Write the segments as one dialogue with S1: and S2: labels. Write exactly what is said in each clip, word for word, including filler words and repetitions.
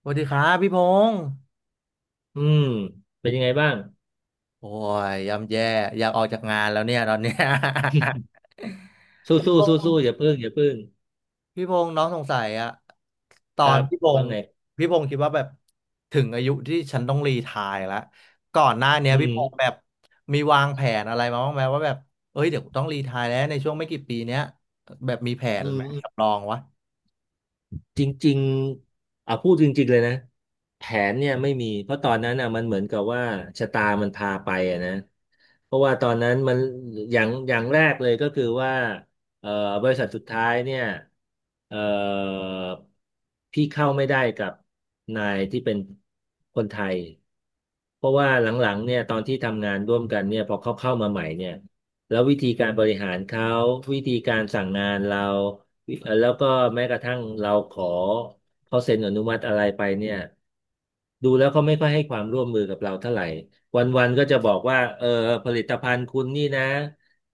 S1: สวัสดีครับพี่พงษ์
S2: อืม เป็นยังไงบ้าง
S1: โอ้ยย่ำแย่อยากออกจากงานแล้วเนี่ยตอนเนี้ย
S2: สู้
S1: พี่
S2: สู้
S1: พ
S2: สู้
S1: ง
S2: สู้
S1: ษ์
S2: อย่าพึ่งอย่าพึ่ง
S1: พี่พงษ์น้องสงสัยอะตอ
S2: ค
S1: น
S2: รับ
S1: พี่พ
S2: ว่า
S1: งษ์
S2: ไง
S1: พี่พงษ์คิดว่าแบบถึงอายุที่ฉันต้องรีไทร์แล้วก่อนหน้าเนี้ย
S2: อื
S1: พี่
S2: ม
S1: พงษ์แบบมีวางแผนอะไรมาบ้างไหมว่าแบบเอ้ยเดี๋ยวต้องรีไทร์แล้วในช่วงไม่กี่ปีเนี้ยแบบมีแผน
S2: อื
S1: ไหม
S2: ม
S1: สำรองวะ
S2: จริงๆอ่ะพูดจริงๆเลยนะแผนเนี่ยไม่มีเพราะตอนนั้นอ่ะมันเหมือนกับว่าชะตามันพาไปอ่ะนะเพราะว่าตอนนั้นมันอย่างอย่างแรกเลยก็คือว่าเอ่อบริษัทสุดท้ายเนี่ยเอ่อพี่เข้าไม่ได้กับนายที่เป็นคนไทยเพราะว่าหลังๆเนี่ยตอนที่ทำงานร่วมกันเนี่ยพอเขาเข้ามาใหม่เนี่ยแล้ววิธีการบริหารเขาวิธีการสั่งงานเรา เอ่อแล้วก็แม้กระทั่งเราขอเขาเซ็นอนุมัติอะไรไปเนี่ยดูแล้วเขาไม่ค่อยให้ความร่วมมือกับเราเท่าไหร่วันๆก็จะบอกว่าเออผลิตภัณฑ์คุณนี่นะ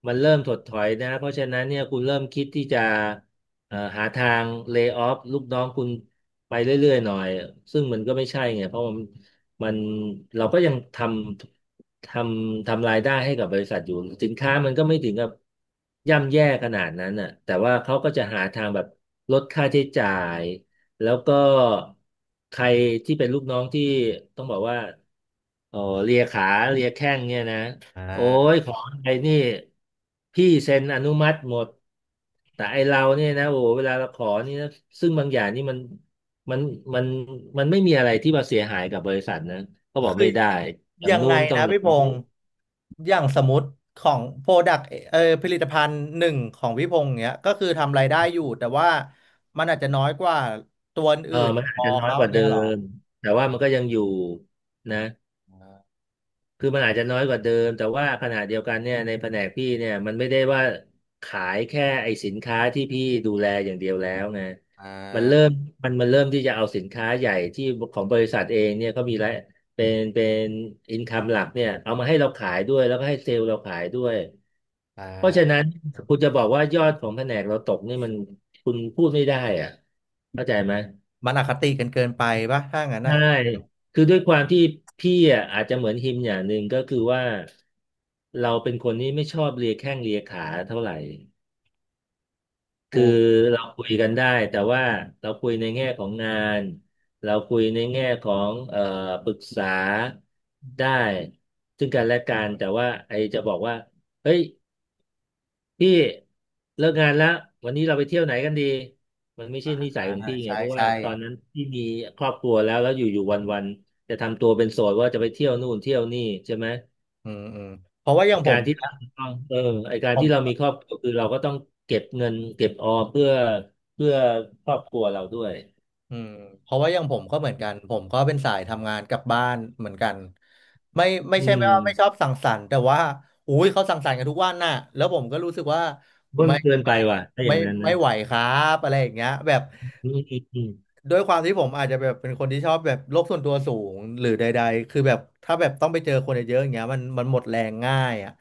S2: มันเริ่มถดถอยนะเพราะฉะนั้นเนี่ยคุณเริ่มคิดที่จะเอ่อหาทางเล y o ออฟลูกน้องคุณไปเรื่อยๆหน่อยซึ่งมันก็ไม่ใช่ไงเพราะมันมันเราก็ยังทำ ทำทำรายได้ให้กับบริษัทอยู่สินค้ามันก็ไม่ถึงกับย่ำแย่ขนาดนั้นน่ะแต่ว่าเขาก็จะหาทางแบบลดค่าใช้จ่ายแล้วก็ใครที่เป็นลูกน้องที่ต้องบอกว่าเออเลียขาเลียแข้งเนี่ยนะ
S1: อ่
S2: โอ้ย
S1: า
S2: ของอะไรนี่พี่เซ็นอนุมัติหมดแต่ไอเราเนี่ยนะโอ้โหเวลาเราขอนี่นะซึ่งบางอย่างนี่มันมันมันมันไม่มีอะไรที่มาเสียหายกับบริษัทนะเขาบอก
S1: คือ
S2: ไม่ได้อย่าง
S1: ยัง
S2: นู้
S1: ไง
S2: นต้อ
S1: นะ
S2: งอ
S1: พี่
S2: ย่าง
S1: พ
S2: นี้
S1: งษ์อย่างสมมติของโปรดักเออผลิตภัณฑ์หนึ่งของพี่พงษ์เนี้ยก็คือทำรายได้อยู่แต่ว่ามันอาจจะน้อยกว่าตัว
S2: เออ
S1: อื่น
S2: มัน
S1: พ
S2: อาจ
S1: อ
S2: จะน้อย
S1: เขา
S2: ก
S1: อย่า
S2: ว่า
S1: ง
S2: เดิ
S1: เงี้ยเหรอ
S2: มแต่ว่ามันก็ยังอยู่นะ
S1: อ
S2: คือมันอาจจะน้อยกว่าเดิมแต่ว่าขณะเดียวกันเนี่ยในแผนกพี่เนี่ยมันไม่ได้ว่าขายแค่ไอ้สินค้าที่พี่ดูแลอย่างเดียวแล้วไง
S1: ่
S2: มันเริ่ม
S1: า
S2: มันมันเริ่มที่จะเอาสินค้าใหญ่ที่ของบริษัทเองเนี่ยเขามีรายเป็นเป็นอินคัมหลักเนี่ยเอามาให้เราขายด้วยแล้วก็ให้เซลล์เราขายด้วย
S1: อ่
S2: เพราะฉะนั้
S1: า
S2: นคุณจะบอกว่ายอดของแผนกเราตกนี่มันคุณพูดไม่ได้อ่ะเข้าใจไหม
S1: มันอคติกันเกินไปปะถ้างั้นอ่ะ
S2: ใช่ คือด้วยความที่พี่อ่ะอาจจะเหมือนฮิมอย่างหนึ่งก็คือว่าเราเป็นคนที่ไม่ชอบเลียแข้งเลียขาเท่าไหร่
S1: อื
S2: คือ
S1: ม
S2: เราคุยกันได้แต่ว่าเราคุยในแง่ของงานเราคุยในแง่ของเอ่อปรึกษาได้ซึ่งกันและกันแต่ว่าไอจะบอกว่าเฮ้ย พี่เลิกงานแล้ววันนี้เราไปเที่ยวไหนกันดีมันไม่ใช่นิสั
S1: อ่า
S2: ยของพี่ไง
S1: ใช่
S2: เพราะว่า
S1: ใช่
S2: ตอนนั้นพี่มีครอบครัวแล้วแล้วอยู่ๆวันๆจะทำตัวเป็นโสดว่าจะไปเที่ยวนู่นเที่ยวนี่ใช่ไหม
S1: อืมอืมเพราะว่าอ
S2: ไอ
S1: ย่างผ
S2: กา
S1: ม
S2: รที่
S1: เนี่ย
S2: เราต้องเออไอการ
S1: ผ
S2: ที่เรา
S1: ม
S2: มีครอบครัวคือเราก็ต้องเก็บเงินเก็บออมเพื่อเพื่อครอบครัวเราด้วย
S1: อืมเพราะว่าอย่างผมก็เหมือนกันผมก็เป็นสายทำงานกลับบ้านเหมือนกันไม่ไม่
S2: อื
S1: ใช่ไม่ว่าไม่ชอ
S2: ม
S1: บสังสรรค์แต่ว่าอุ้ยเขาสังสรรค์กันทุกวันน่ะแล้วผมก็รู้สึกว่า
S2: เบิ้ล
S1: ไม่
S2: เกินไป
S1: ไม่
S2: ว่ะถ้าอ
S1: ไม่
S2: ย่างนั้น
S1: ไม่
S2: นะ
S1: ไหวครับอะไรอย่างเงี้ยแบบ
S2: อืมอืมอืม
S1: ด้วยความที่ผมอาจจะแบบเป็นคนที่ชอบแบบโลกส่วนตัวสูงหรือใดๆคือแบบถ้าแบบต้องไปเจอคนเยอะๆอย่างเงี้ยมันมันหมดแรงง่ายอ่ะ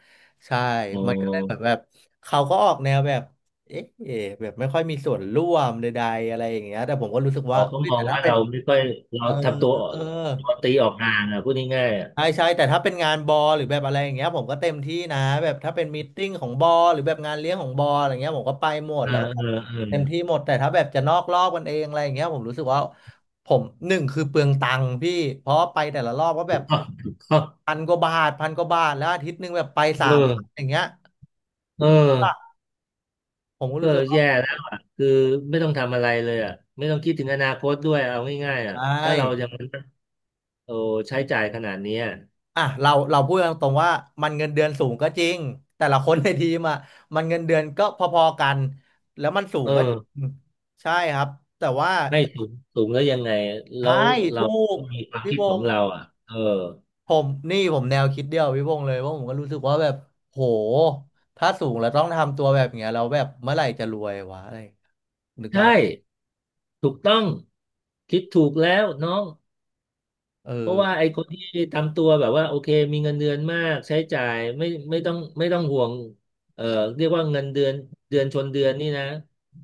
S1: ใช่
S2: โอ
S1: มันก็เลยแบบ
S2: ้
S1: แบบเขาก็ออกแนวแบบเอ๊ะแบบไม่ค่อยมีส่วนร่วมใดๆอะไรอย่างเงี้ยแต่ผมก็รู้สึกว่า
S2: เขาก็
S1: เอ้ย
S2: มอ
S1: แต่
S2: ง
S1: ถ้า
S2: ว่า
S1: เป็น
S2: เราไม่ค่อยเรา
S1: เออ
S2: ทำตัว
S1: เออ
S2: ตัวตีออกห่างอ่ะพูดง่ายๆอ่ะ
S1: ใช่ใช่แต่ถ้าเป็นงานบอหรือแบบอะไรอย่างเงี้ยผมก็เต็มที่นะแบบถ้าเป็นมีตติ้งของบอหรือแบบงานเลี้ยงของบออะไรเงี้ยผมก็ไปหมด
S2: เออ
S1: แล้วก็
S2: เออเออ
S1: เต็มที่หมดแต่ถ้าแบบจะนอกรอบกันเองอะไรอย่างเงี้ยผมรู้สึกว่าผมหนึ่งคือเปลืองตังค์พี่เพราะไปแต่ละรอบก็แบ
S2: ถู
S1: บ
S2: กต้องถูกต้อง
S1: พันกว่าบาทพันกว่าบาทแล้วอาทิตย์หนึ่งแบบไปสา
S2: เอ
S1: มวันอ
S2: อ
S1: ย่างเงี้ย
S2: เออ
S1: ผมก็
S2: เออ
S1: รู้สึกว่า
S2: แย่แล้วอ่ะคือไม่ต้องทำอะไรเลยอ่ะไม่ต้องคิดถึงอนาคตด้วยเอาง่ายๆอ่ะ
S1: ไม
S2: ถ้าเรายั
S1: ่
S2: งโอ้ใช้จ่ายขนาดเนี้ย
S1: อ่ะเราเราพูดกันตรงๆว่ามันเงินเดือนสูงก็จริงแต่ละคนในทีมอ่ะมันเงินเดือนก็พอๆกันแล้วมันสูง
S2: เอ
S1: ก็จริ
S2: อ
S1: งใช่ครับแต่ว่า
S2: ไม่สูงสูงแล้วยังไงแล้
S1: ใช่
S2: วเรา
S1: ถูก
S2: ต้องมีความ
S1: พี่
S2: คิด
S1: ว
S2: ของ
S1: งศ์
S2: เราอ่ะเออ
S1: ผมนี่ผมแนวคิดเดียวพี่วงศ์เลยว่าผมก็รู้สึกว่าแบบโหถ้าสูงแล้วต้องทำตัวแบบเนี้ยเราแล้วแบบเมื่อไหร่จะรวยวะอะไรอย่างเงี้ยนึกภาพ
S2: ใช่
S1: ออก
S2: ถูกต้อง คิดถูกแล้วน้อง
S1: เออ
S2: เพราะว่าไอ้คนที่ทำตัวแบบว่าโอเคมีเงินเดือนมากใช้จ่ายไม่ไม่ต้องไม่ต้องห่วงเอ่อเรียกว่าเงินเดือนเดือนชนเดือนนี่นะ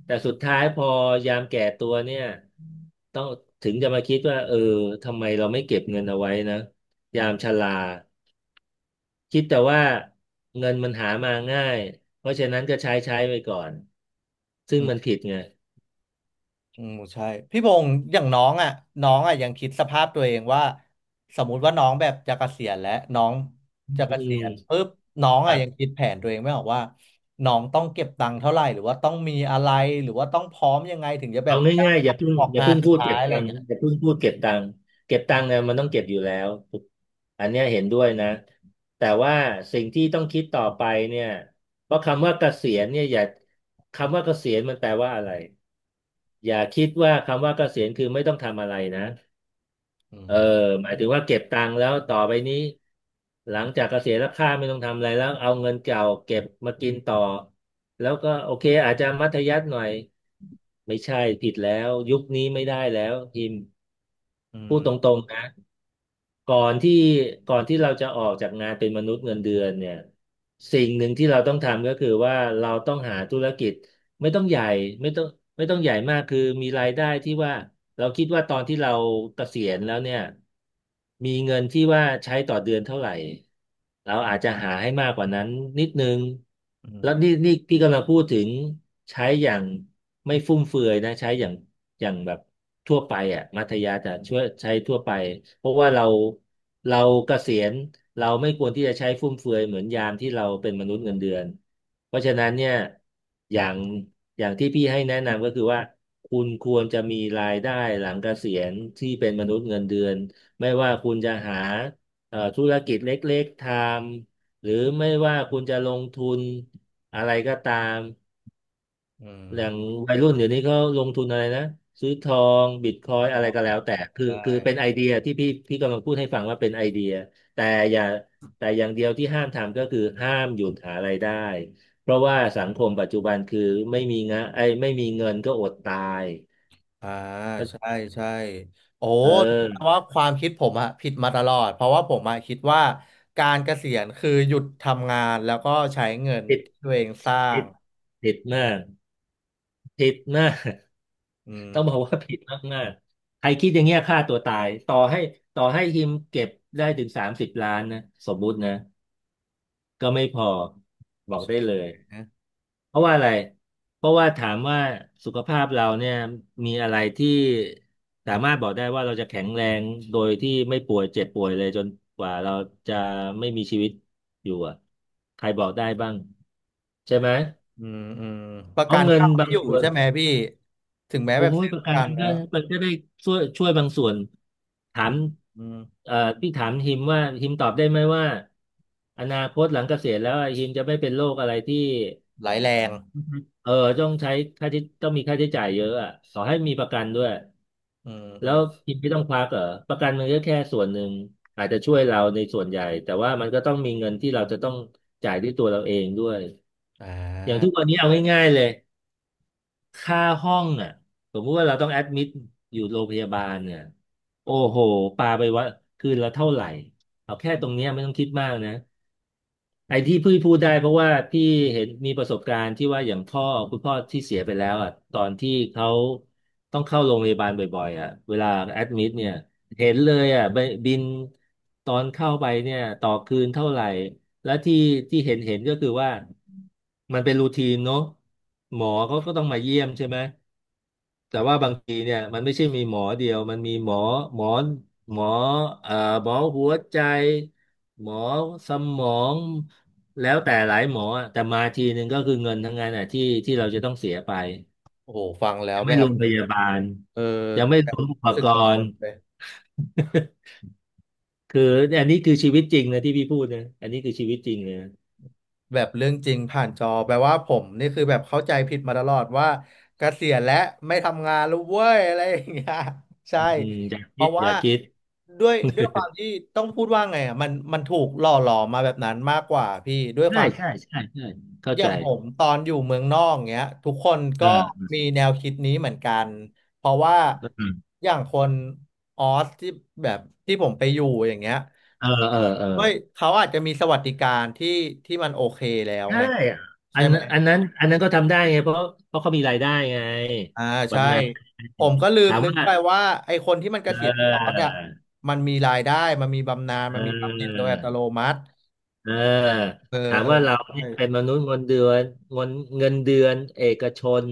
S2: แต่สุดท้ายพอยามแก่ตัวเนี่ยต้องถึงจะมาคิดว่าเออทำไมเราไม่เก็บเงินเอาไว้นะยามชราคิดแต่ว่าเงินมันหามาง่ายเพราะฉะนั้นก็ใช้ใช้ไปก่อนซึ่งมันผิดไง
S1: อืมใช่พี่พงศ์อย่างน้องอ่ะน้องอ่ะยังคิดสภาพตัวเองว่าสมมุติว่าน้องแบบจะเกษียณแล้วน้อง
S2: อื
S1: จะเกษียณ
S2: ม
S1: ปุ๊บน้อง
S2: ค
S1: อ่ะ
S2: รั
S1: ยัง
S2: บ
S1: คิดแผนตัวเองไม่ออกว่าน้องต้องเก็บตังค์เท่าไหร่หรือว่าต้องมีอะไรหรือว่าต้องพร้อมยังไงถึงจะแบ
S2: เอา
S1: บ
S2: ง่ายๆอย่าเพิ่ง
S1: ออก
S2: อย่า
S1: งาน
S2: เพิ่ง
S1: สุด
S2: พูด
S1: ท้าย
S2: เก็บ
S1: อะไร
S2: ตั
S1: อย่า
S2: ง
S1: ง
S2: ค์
S1: เงี้ย
S2: อย่าเพิ่งพูดเก็บตังค์เก็บตังค์เนี่ยมันต้องเก็บอยู่แล้วถูกอันเนี้ยเห็นด้วยนะแต่ว่าสิ่งที่ต้องคิดต่อไปเนี่ยเพราะคำว่าเกษียณเนี่ยอย่าคำว่าเกษียณมันแปลว่าอะไรอย่าคิดว่าคำว่าเกษียณคือไม่ต้องทำอะไรนะ
S1: อื
S2: เออ
S1: ม
S2: หมายถึงว่าเก็บตังค์แล้วต่อไปนี้หลังจากเกษียณแล้วข้าไม่ต้องทำอะไรแล้วเอาเงินเก่าเก็บมากินต่อแล้วก็โอเคอาจจะมัธยัสถ์หน่อย ไม่ใช่ผิดแล้วยุคนี้ไม่ได้แล้วพิมพ์
S1: อื
S2: พู
S1: ม
S2: ดตรงๆนะก่อนที่ก่อนที่เราจะออกจากงานเป็นมนุษย์เงินเดือนเนี่ยสิ่งหนึ่งที่เราต้องทำก็คือว่าเราต้องหาธุรกิจไม่ต้องใหญ่ไม่ต้องไม่ต้องใหญ่มากคือมีรายได้ที่ว่าเราคิดว่าตอนที่เราเกษียณแล้วเนี่ยมีเงินที่ว่าใช้ต่อเดือนเท่าไหร่ เราอาจจะหาให้มากกว่านั้นนิดนึง
S1: อื
S2: แล้วนี่
S1: ม
S2: นี่พี่กำลังพูดถึงใช้อย่างไม่ฟุ่มเฟือยนะใช้อย่างอย่างแบบทั่วไปอ่ะมัธยาจะช่วยใช้ทั่วไปเพราะว่าเราเราเกษียณเราไม่ควรที่จะใช้ฟุ่มเฟือยเหมือนยามที่เราเป็นมนุษย์เงินเดือนเพราะฉะนั้นเนี่ยอย่างอย่างที่พี่ให้แนะนำก็คือว่าคุณควรจะมีรายได้หลังเกษียณที่เป็นมนุษย์เงินเดือนไม่ว่าคุณจะหา เอ่อธุรกิจเล็กๆทำหรือไม่ว่าคุณจะลงทุนอะไรก็ตาม
S1: อื
S2: อย่าง
S1: ม
S2: วัยรุ่นเดี๋ยวนี้เขาลงทุนอะไรนะซื้อทองบิตคอย
S1: อ๋อ
S2: อะไรก็แล้วแต่คือ
S1: ใช่
S2: คือเป็นไอเดียที่พี่พี่กำลังพูดให้ฟังว่าเป็นไอเดียแต่อย่าแต่อย่างเดียวที่ห้ามทำก็คือห้ามหยุดหารายได้เพราะว่าสังคมปัจจุบันคือไม่มีงะไอ้ยไม่มีเงินก็อดตาย
S1: อ่าใช่ใช่โอ้
S2: เอ
S1: แปล
S2: อ
S1: ว่าความคิดผมอะผิดมาตลอดเพราะว่าผมอะคิดว่าการเกษียณคือหยุดทำงานแล้วก็ใช้เงิน
S2: ติด
S1: ที่ตัวเองสร้า
S2: ติ
S1: ง
S2: ดติดมากติดมาก
S1: อืม
S2: ต้องบอกว่าผิดมากๆใครคิดอย่างเงี้ยฆ่าตัวตายต่อให้ต่อให้ทีมเก็บได้ถึงสามสิบล้านนะสมมุตินะก็ไม่พอบอกได้เลย
S1: ะ
S2: เพราะว่าอะไรเพราะว่าถามว่าสุขภาพเราเนี่ยมีอะไรที่สามารถบอกได้ว่าเราจะแข็งแรงโดยที่ไม่ป่วยเจ็บป่วยเลยจนกว่าเราจะไม่มีชีวิตอยู่อะใครบอกได้บ้างใช่ไหม
S1: อืมอืมประ
S2: เพ
S1: กั
S2: ราะ
S1: น
S2: เงิ
S1: ก็
S2: น
S1: ไม่
S2: บาง
S1: อยู่
S2: ส่วน
S1: ใช่ไหมพี่ถึงแม้
S2: โอ้
S1: แบบ
S2: ย
S1: ซื้อ
S2: ป
S1: ป
S2: ระ
S1: ระ
S2: กัน
S1: กันแล้
S2: ก็
S1: ว
S2: มันก็ได้ช่วยช่วยบางส่วนถา
S1: อื
S2: ม
S1: มอืม
S2: เอ่อที่ถามฮิมว่าฮิมตอบได้ไหมว่าอนาคตหลังเกษียณแล้วฮิมจะไม่เป็นโรคอะไรที่
S1: หลายแรง
S2: อือฮึเออต้องใช้ค่าที่ต้องมีค่าใช้จ่ายเยอะอ่ะขอให้มีประกันด้วย
S1: อืมอื
S2: แล้
S1: ม
S2: วฮิมไม่ต้องควักเหรอประกันมันก็แค่ส่วนหนึ่งอาจจะช่วยเราในส่วนใหญ่แต่ว่ามันก็ต้องมีเงินที่เราจะต้องจ่ายด้วยตัวเราเองด้วย
S1: อ่
S2: อย่างทุก
S1: า
S2: วันนี้เอาง่ายๆเลย ค่าห้องอ่ะสมมุติว่าเราต้องแอดมิดอยู่โรงพยาบาลเนี่ยโอ้โหปาไปว่าคืนละเท่าไหร่เอาแค่ตรงเนี้ยไม่ต้องคิดมากนะไอ้ที่พี่พูดได้เพราะว่าพี่เห็นมีประสบการณ์ที่ว่าอย่างพ่อคุณพ่อที่เสียไปแล้วอ่ะตอนที่เขาต้องเข้าโรงพยาบาลบ่อยๆอ่ะเวลาแอดมิดเนี่ยเห็นเลยอ่ะบบินตอนเข้าไปเนี่ยต่อคืนเท่าไหร่และที่ที่เห็นเห็นก็คือว่ามันเป็นรูทีนเนอะหมอเขาก็ต้องมาเยี่ยมใช่ไหม แต่ว่าบางทีเนี่ยมันไม่ใช่มีหมอเดียวมันมีหมอหมอหมอเอ่อหมอหัวใจหมอสมองแล้วแต่หลายหมออะแต่มาทีหนึ่งก็คือเงินทั้งนั้นอ่ะที่ที่เราจะต้องเสียไป
S1: โอ้โหฟังแล้ว
S2: ยัง
S1: แบ
S2: ไม่ร
S1: บ
S2: วมพยาบาล
S1: เออ
S2: ยังไม่
S1: แบ
S2: ร
S1: บ
S2: วมอุป
S1: รู้สึ
S2: ก
S1: กกังว
S2: ร
S1: ล
S2: ณ์
S1: เลย
S2: คืออันนี้คือชีวิตจริงนะที่พี่พูดนะอันนี้คือชีวิตจริงเลยนะ
S1: แบบเรื่องจริงผ่านจอแปลว่าผมนี่คือแบบเข้าใจผิดมาตลอดว่าเกษียณและไม่ทำงานแล้วเว้ยอะไรอย่างเงี้ย ใช่
S2: อืมอย่า
S1: เพ
S2: คิ
S1: ราะ
S2: ดอ
S1: ว่า
S2: ย่าคิด
S1: ด้วยด้วยความที่ต้องพูดว่าไงอ่ะมันมันถูกหล่อหลอมมาแบบนั้นมากกว่าพี่ด้วยค
S2: ใช่
S1: วาม
S2: ใช่ใช่ใช่เข้า
S1: อ
S2: ใจ
S1: ย่างผมตอนอยู่เมืองนอกเงี้ยทุกคนก็
S2: เออ
S1: มีแนวคิดนี้เหมือนกันเพราะว่า
S2: เออ
S1: อย่างคนออสที่แบบที่ผมไปอยู่อย่างเงี้ย
S2: เออเออ
S1: ก็เขาอาจจะมีสวัสดิการที่ที่มันโอเคแล้ว
S2: ใช่
S1: ไง
S2: อั
S1: ใช่
S2: น
S1: ไหม
S2: อันนั้นอันนั้นก็ทำได้ไง เพราะเพราะเขามีรายได้ไง
S1: อ่าใช่
S2: บำนาญ
S1: ผมก็ลืม
S2: ถาม
S1: นึก
S2: ว่า
S1: ไปว่าไอ้คนที่มันเก
S2: เ
S1: ษียณที่ออส
S2: ออ
S1: อ่ะมันมีรายได้มันมีบำนาญ
S2: เ
S1: มันมีบำเหน็จโด
S2: ออ
S1: ยอัตโนมัติ
S2: เออ
S1: เออ
S2: ถาม
S1: เออ
S2: ว่าเราเนี่
S1: ใช่
S2: ยเป็นมนุษย์เงินเดือนเงินเงินเดือนเอกชน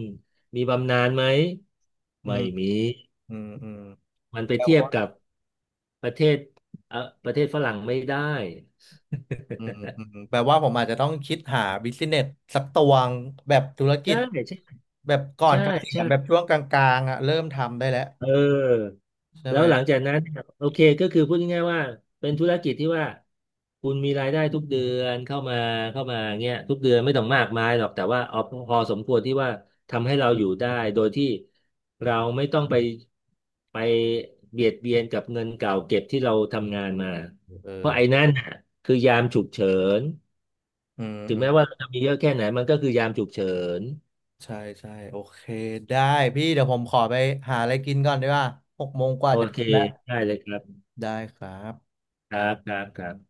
S2: มีบำนาญไหม
S1: อื
S2: ไม่
S1: ม
S2: มี
S1: อืมอืม
S2: มันไปเทียบกับประเทศเออประเทศฝรั่งไม่ได้
S1: อืมอืม แปลว่าผมอาจจะต้องคิดหาบิสเนสสักตัวงแบบธุรกิ
S2: ใช่
S1: จ
S2: ใช่
S1: แบบก่อน
S2: ใช่
S1: เกษีย
S2: ใช่
S1: ณแบบช่วงกลางๆอ่ะเริ่มทำได้แล้ว
S2: เออ
S1: ใช่
S2: แล้
S1: ไห
S2: ว
S1: ม
S2: หลังจากนั้นเนี่ยโอเคก็คือพูดง่ายๆว่าเป็นธุรกิจที่ว่าคุณมีรายได้ทุกเดือนเข้ามาเข้ามาเงี้ยทุกเดือนไม่ต้องมากมายหรอกแต่ว่าเอาพอสมควรที่ว่าทำให้เราอยู่ได้โดยที่เราไม่ต้องไปไปเบียดเบียนกับเงินเก่าเก็บที่เราทำงานมา
S1: เอ
S2: เพราะไอ้
S1: อ
S2: นั่นน่ะคือยามฉุกเฉิน
S1: อืม
S2: ถึง
S1: อืม
S2: แม้ว่าเราจะมีเยอะแค่ไหนมันก็คือยามฉุกเฉิน
S1: ใช่ใช่โอเคได้พี่เดี๋ยวผมขอไปหาอะไรกินก่อนดีกว่าหกโมงกว่า
S2: โอ
S1: จะ
S2: เค
S1: ทุ่มแล้ว
S2: ได้เลยครับ
S1: ได้ครับ
S2: ครับครับครับ